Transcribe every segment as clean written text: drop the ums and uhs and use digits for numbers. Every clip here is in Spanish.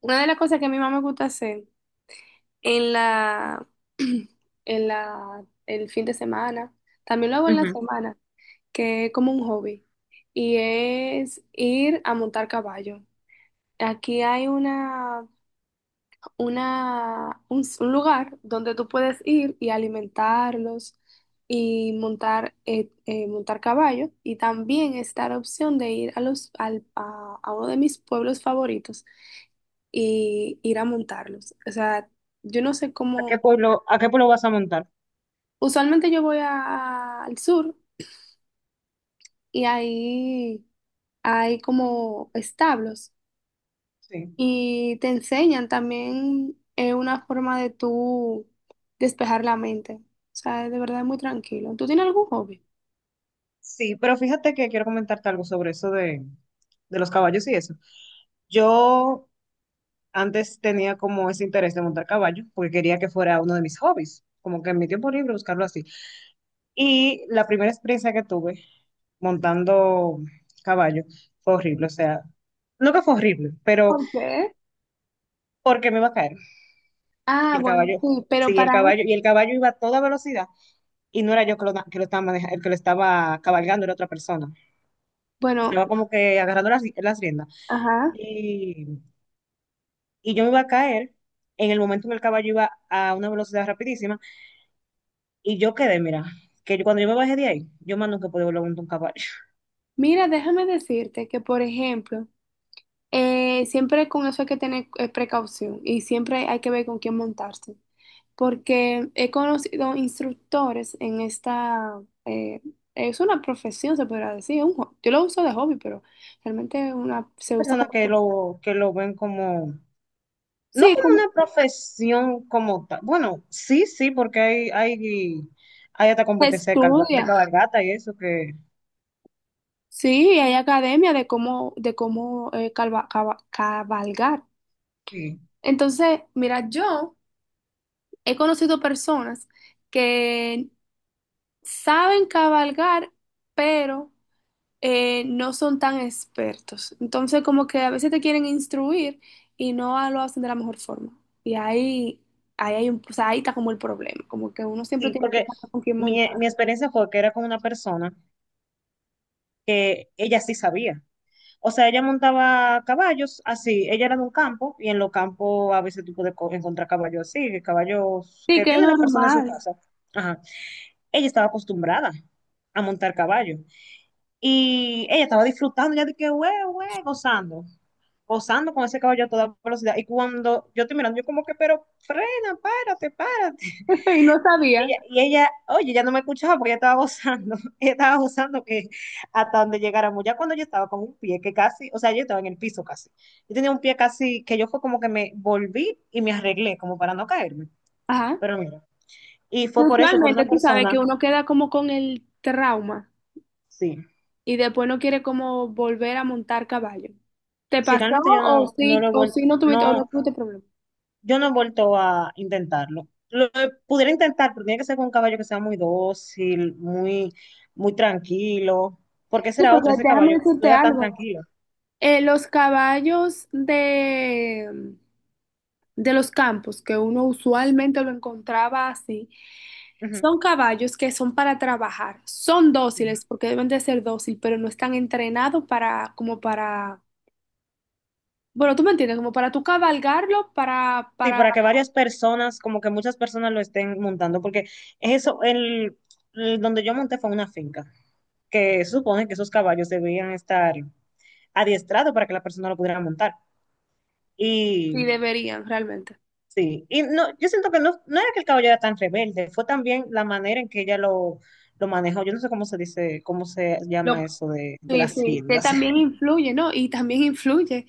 Una de las cosas que a mi mamá me gusta hacer en en el fin de semana, también lo hago en la Ujú. semana, que es como un hobby, y es ir a montar caballo. Aquí hay un lugar donde tú puedes ir y alimentarlos y montar, montar caballo. Y también está la opción de ir a a uno de mis pueblos favoritos y ir a montarlos. O sea, yo no sé cómo, A qué pueblo vas a montar? usualmente al sur y ahí hay como establos Sí. y te enseñan también una forma de tú despejar la mente. O sea, de verdad es muy tranquilo. ¿Tú tienes algún hobby? Sí, pero fíjate que quiero comentarte algo sobre eso de los caballos y eso. Yo antes tenía como ese interés de montar caballo porque quería que fuera uno de mis hobbies, como que en mi tiempo libre buscarlo así. Y la primera experiencia que tuve montando caballo fue horrible, o sea, no que fue horrible, pero ¿Por qué? porque me iba a caer. Y Ah, el bueno, caballo, sí, pero sí, el para, caballo, y el caballo iba a toda velocidad y no era yo que lo estaba manejando, el que lo estaba cabalgando era otra persona. bueno, Estaba como que agarrando las riendas. ajá. Y, y yo me iba a caer en el momento en que el caballo iba a una velocidad rapidísima y yo quedé, mira, que cuando yo me bajé de ahí, yo más nunca pude volver a montar un caballo. Mira, déjame decirte que, por ejemplo, siempre con eso hay que tener precaución y siempre hay que ver con quién montarse. Porque he conocido instructores en es una profesión, se podría decir, yo lo uso de hobby, pero realmente una, se usa Personas como, que lo ven como, no sí, como una como profesión como tal. Bueno, sí, sí, porque hay hasta se competencia de, de estudia, cabalgata y eso que, sí, hay academia de cómo cabalgar. sí, Entonces, mira, yo he conocido personas que saben cabalgar, pero no son tan expertos. Entonces, como que a veces te quieren instruir y no a- lo hacen de la mejor forma. Y ahí hay un, o sea, ahí está como el problema, como que uno siempre sí, tiene que porque saber con quién mi, montar. mi experiencia fue que era con una persona que ella sí sabía. O sea, ella montaba caballos así, ella era de un campo y en los campos a veces tú puedes encontrar caballos así, caballos Sí, que que es tiene la persona en su normal. casa. Ajá. Ella estaba acostumbrada a montar caballo y ella estaba disfrutando, ya de que, güey, güey, gozando, gozando con ese caballo a toda velocidad. Y cuando yo estoy mirando, yo como que, pero frena, párate, párate. Y no Y sabía. ella, y ella, oye, ya no me escuchaba porque ella estaba gozando, ella estaba gozando que hasta donde llegáramos, ya cuando yo estaba con un pie que casi, o sea, yo estaba en el piso casi, yo tenía un pie casi que yo fue como que me volví y me arreglé como para no caerme, Ajá. pero mira, y Y fue por eso, por una usualmente tú sabes que persona, uno queda como con el trauma sí, y después no quiere como volver a montar caballo. ¿Te sí, pasó realmente yo no, no lo he o sí no tuviste, o no no, tuviste problema? yo no he vuelto a intentarlo. Lo pudiera intentar, pero tiene que ser con un caballo que sea muy dócil, muy, muy tranquilo, porque ese Sí, era porque otro, ese déjame caballo no decirte era tan algo. tranquilo. Los caballos de los campos, que uno usualmente lo encontraba así, son caballos que son para trabajar. Son Sí. dóciles porque deben de ser dóciles, pero no están entrenados como para, bueno, tú me entiendes, como para tú cabalgarlo, Sí, para, para que varias personas, como que muchas personas lo estén montando, porque eso, el donde yo monté fue una finca, que se supone que esos caballos debían estar adiestrados para que la persona lo pudiera montar. si Y deberían realmente. sí, y no, yo siento que no, no era que el caballo era tan rebelde, fue también la manera en que ella lo manejó. Yo no sé cómo se dice, cómo se llama Lo- eso de sí, las sí, que riendas. también influye, ¿no? Y también influye,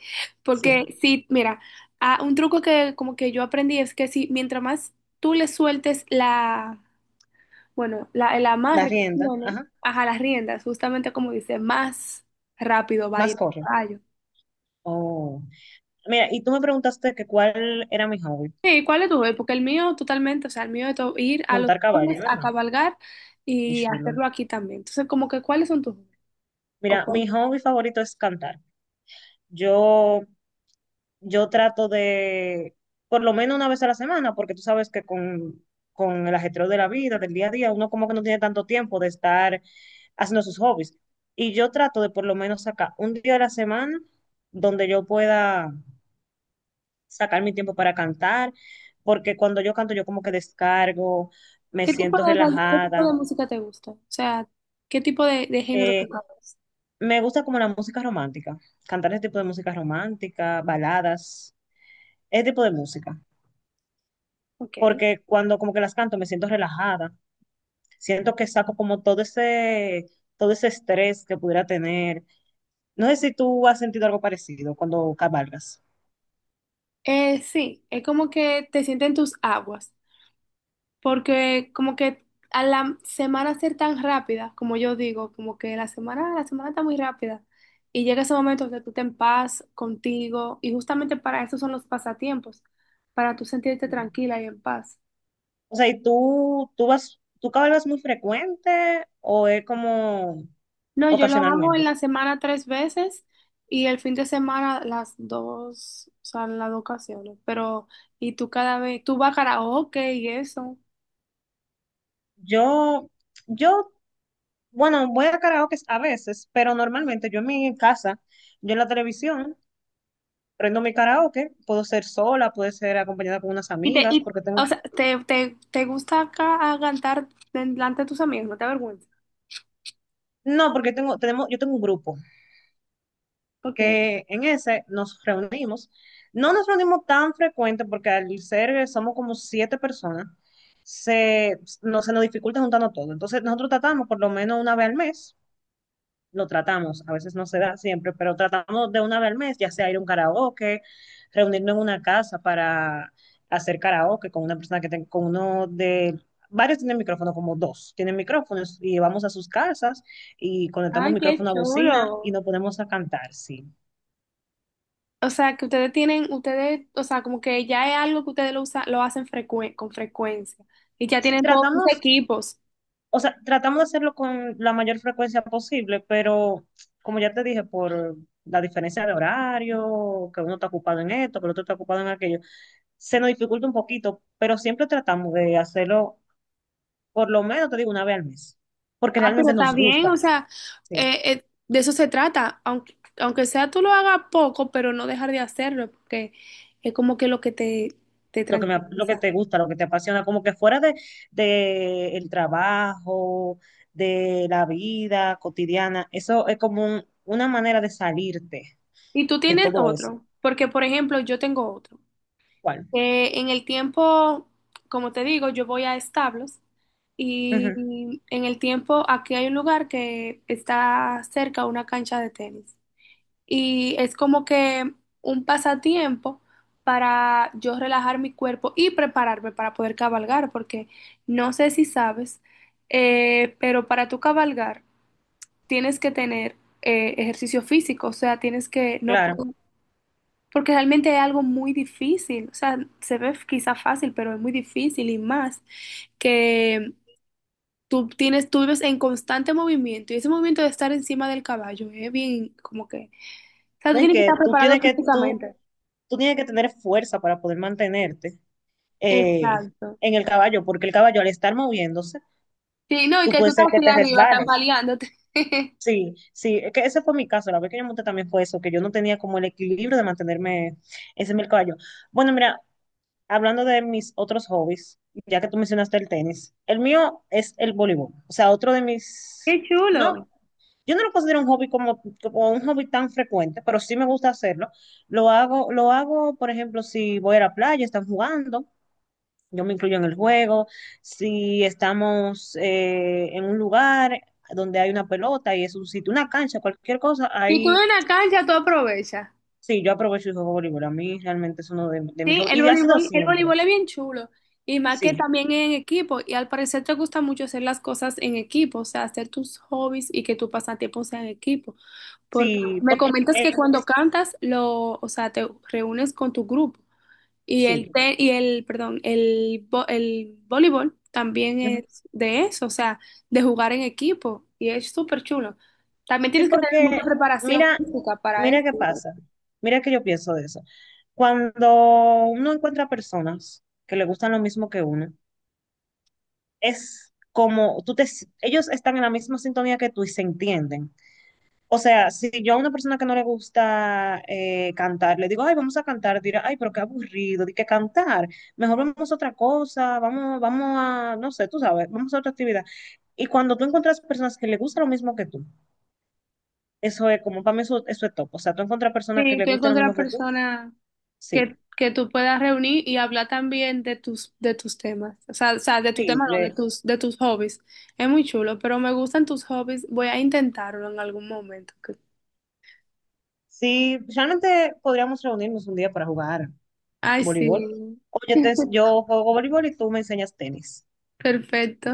Sí, porque sí, mira, ah, un truco que como que yo aprendí es que si mientras más tú le sueltes la, bueno, el la amarre que rienda, tiene, ajá, ajá, las riendas, justamente como dice, más rápido va a más ir el corre. caballo. Oh. Mira, y tú me preguntaste que cuál era mi hobby. Sí, ¿cuál es tu hobby? Porque el mío totalmente, o sea, el mío es ir a los Montar pueblos caballo, a ¿verdad? cabalgar Qué y chulo. hacerlo aquí también. Entonces, como que, ¿cuáles son tus hobbies? ¿O Mira, cuál- mi hobby favorito es cantar. Yo, yo trato de, por lo menos una vez a la semana, porque tú sabes que con el ajetreo de la vida, del día a día, uno como que no tiene tanto tiempo de estar haciendo sus hobbies. Y yo trato de por lo menos sacar un día a la semana donde yo pueda sacar mi tiempo para cantar, porque cuando yo canto yo como que descargo, me qué tipo siento qué tipo de relajada. música te gusta? O sea, ¿qué tipo de género Eh, tocas? Me gusta como la música romántica, cantar ese tipo de música romántica, baladas, ese tipo de música, Ok. porque cuando como que las canto me siento relajada, siento que saco como todo ese estrés que pudiera tener. No sé si tú has sentido algo parecido cuando cabalgas. Sí, es como que te sienten tus aguas. Porque como que a la semana ser tan rápida, como yo digo, como que la semana está muy rápida. Y llega ese momento donde tú te en paz contigo. Y justamente para eso son los pasatiempos, para tú sentirte Sí. tranquila y en paz. O sea, ¿y tú vas, tú cabalgas muy frecuente o es como No, yo lo hago en ocasionalmente? la semana 3 veces y el fin de semana las dos, o sea, en las dos ocasiones. Pero, y tú cada vez, tú vas a karaoke y eso. Yo, yo, bueno, voy a karaoke a veces, pero normalmente yo en mi casa, yo en la televisión. Prendo mi karaoke, puedo ser sola, puedo ser acompañada con unas Y amigas, porque tengo, o sea, te gusta cantar delante de tus amigos, no te avergüences. no, porque tengo, tenemos, yo tengo un grupo Okay. que en ese nos reunimos. No nos reunimos tan frecuente porque al ser somos como 7 personas, se, no, se nos dificulta juntarnos todo. Entonces nosotros tratamos por lo menos una vez al mes lo tratamos. A veces no se da siempre, pero tratamos de una vez al mes, ya sea ir a un karaoke, reunirnos en una casa para hacer karaoke con una persona que tenga, con uno de... Varios tienen micrófono, como dos tienen micrófonos, y vamos a sus casas y conectamos Ay, qué micrófono a bocina y chulo. nos ponemos a cantar, sí. O sea, que ustedes tienen, ustedes, o sea, como que ya es algo que ustedes lo usan, lo hacen con frecuencia. Y ya Sí, tienen todos sus tratamos, equipos. o sea, tratamos de hacerlo con la mayor frecuencia posible, pero como ya te dije, por la diferencia de horario, que uno está ocupado en esto, que el otro está ocupado en aquello, se nos dificulta un poquito, pero siempre tratamos de hacerlo por lo menos, te digo, una vez al mes, porque Ah, pero realmente está nos bien, o gusta, sea, sí, de eso se trata. Aunque, aunque sea tú lo hagas poco, pero no dejar de hacerlo, porque es como que lo que te lo que me, lo que tranquiliza. te gusta, lo que te apasiona, como que fuera de el trabajo, de la vida cotidiana, eso es como una manera de salirte Y tú de tienes todo eso. otro, porque por ejemplo, yo tengo otro. ¿Cuál? En el tiempo, como te digo, yo voy a establos Ujú, y en el tiempo aquí hay un lugar que está cerca a una cancha de tenis y es como que un pasatiempo para yo relajar mi cuerpo y prepararme para poder cabalgar, porque no sé si sabes, pero para tu cabalgar tienes que tener ejercicio físico, o sea, tienes que no claro. puedes porque realmente es algo muy difícil, o sea, se ve quizá fácil, pero es muy difícil y más que tú tienes, tú vives en constante movimiento y ese movimiento de estar encima del caballo es bien como que, o sea, tú No, y tienes que estar que tú preparado tienes que, tú, físicamente. tú tienes que tener fuerza para poder mantenerte eh, Exacto. en el caballo, porque el caballo al estar moviéndose, Sí, no, y tú que tú puedes estás ser que así te arriba resbales. tambaleándote. Sí, sí, es que ese fue mi caso, la vez que yo monté también fue eso, que yo no tenía como el equilibrio de mantenerme, ese es el caballo. Bueno, mira, hablando de mis otros hobbies, ya que tú mencionaste el tenis, el mío es el voleibol, o sea, otro de Qué mis, no, chulo. yo no lo considero un hobby como, como un hobby tan frecuente, pero sí me gusta hacerlo. Lo hago, por ejemplo, si voy a la playa, están jugando, yo me incluyo en el juego, si estamos en un lugar donde hay una pelota y es un sitio, una cancha, cualquier cosa, Si tú ahí en una cancha, tú aprovechas. sí, yo aprovecho y juego voleibol. A mí realmente es uno de mis Sí, hobbies y ha sido el siempre, voleibol es bien chulo. Y más que sí, también es en equipo. Y al parecer te gusta mucho hacer las cosas en equipo, o sea, hacer tus hobbies y que tu pasatiempo sea en equipo. Porque sí, me porque comentas que cuando es, cantas, lo, o sea, te reúnes con tu grupo. Y sí, el, perdón, el voleibol también ujú. es de eso, o sea, de jugar en equipo. Y es súper chulo. También Sí, tienes que tener mucha porque preparación mira, física para mira qué eso. pasa, mira que yo pienso de eso. Cuando uno encuentra personas que le gustan lo mismo que uno, es como tú te, ellos están en la misma sintonía que tú y se entienden. O sea, si yo a una persona que no le gusta cantar, le digo, ay, vamos a cantar, dirá, ay, pero qué aburrido, di que cantar, mejor vamos a otra cosa, vamos, vamos a, no sé, tú sabes, vamos a otra actividad. Y cuando tú encuentras personas que le gusta lo mismo que tú, eso es como, para mí eso, eso es top. O sea, tú encuentras personas que Sí, le tú gusta lo encuentras mismo que tú, personas sí, que tú puedas reunir y hablar también de de tus temas. O sea, de tu sí, tema, no, de de- de tus hobbies. Es muy chulo, pero me gustan tus hobbies. Voy a intentarlo en algún momento. sí, realmente podríamos reunirnos un día para jugar Ay, voleibol. sí. Oye, yo juego voleibol y tú me enseñas tenis. Perfecto.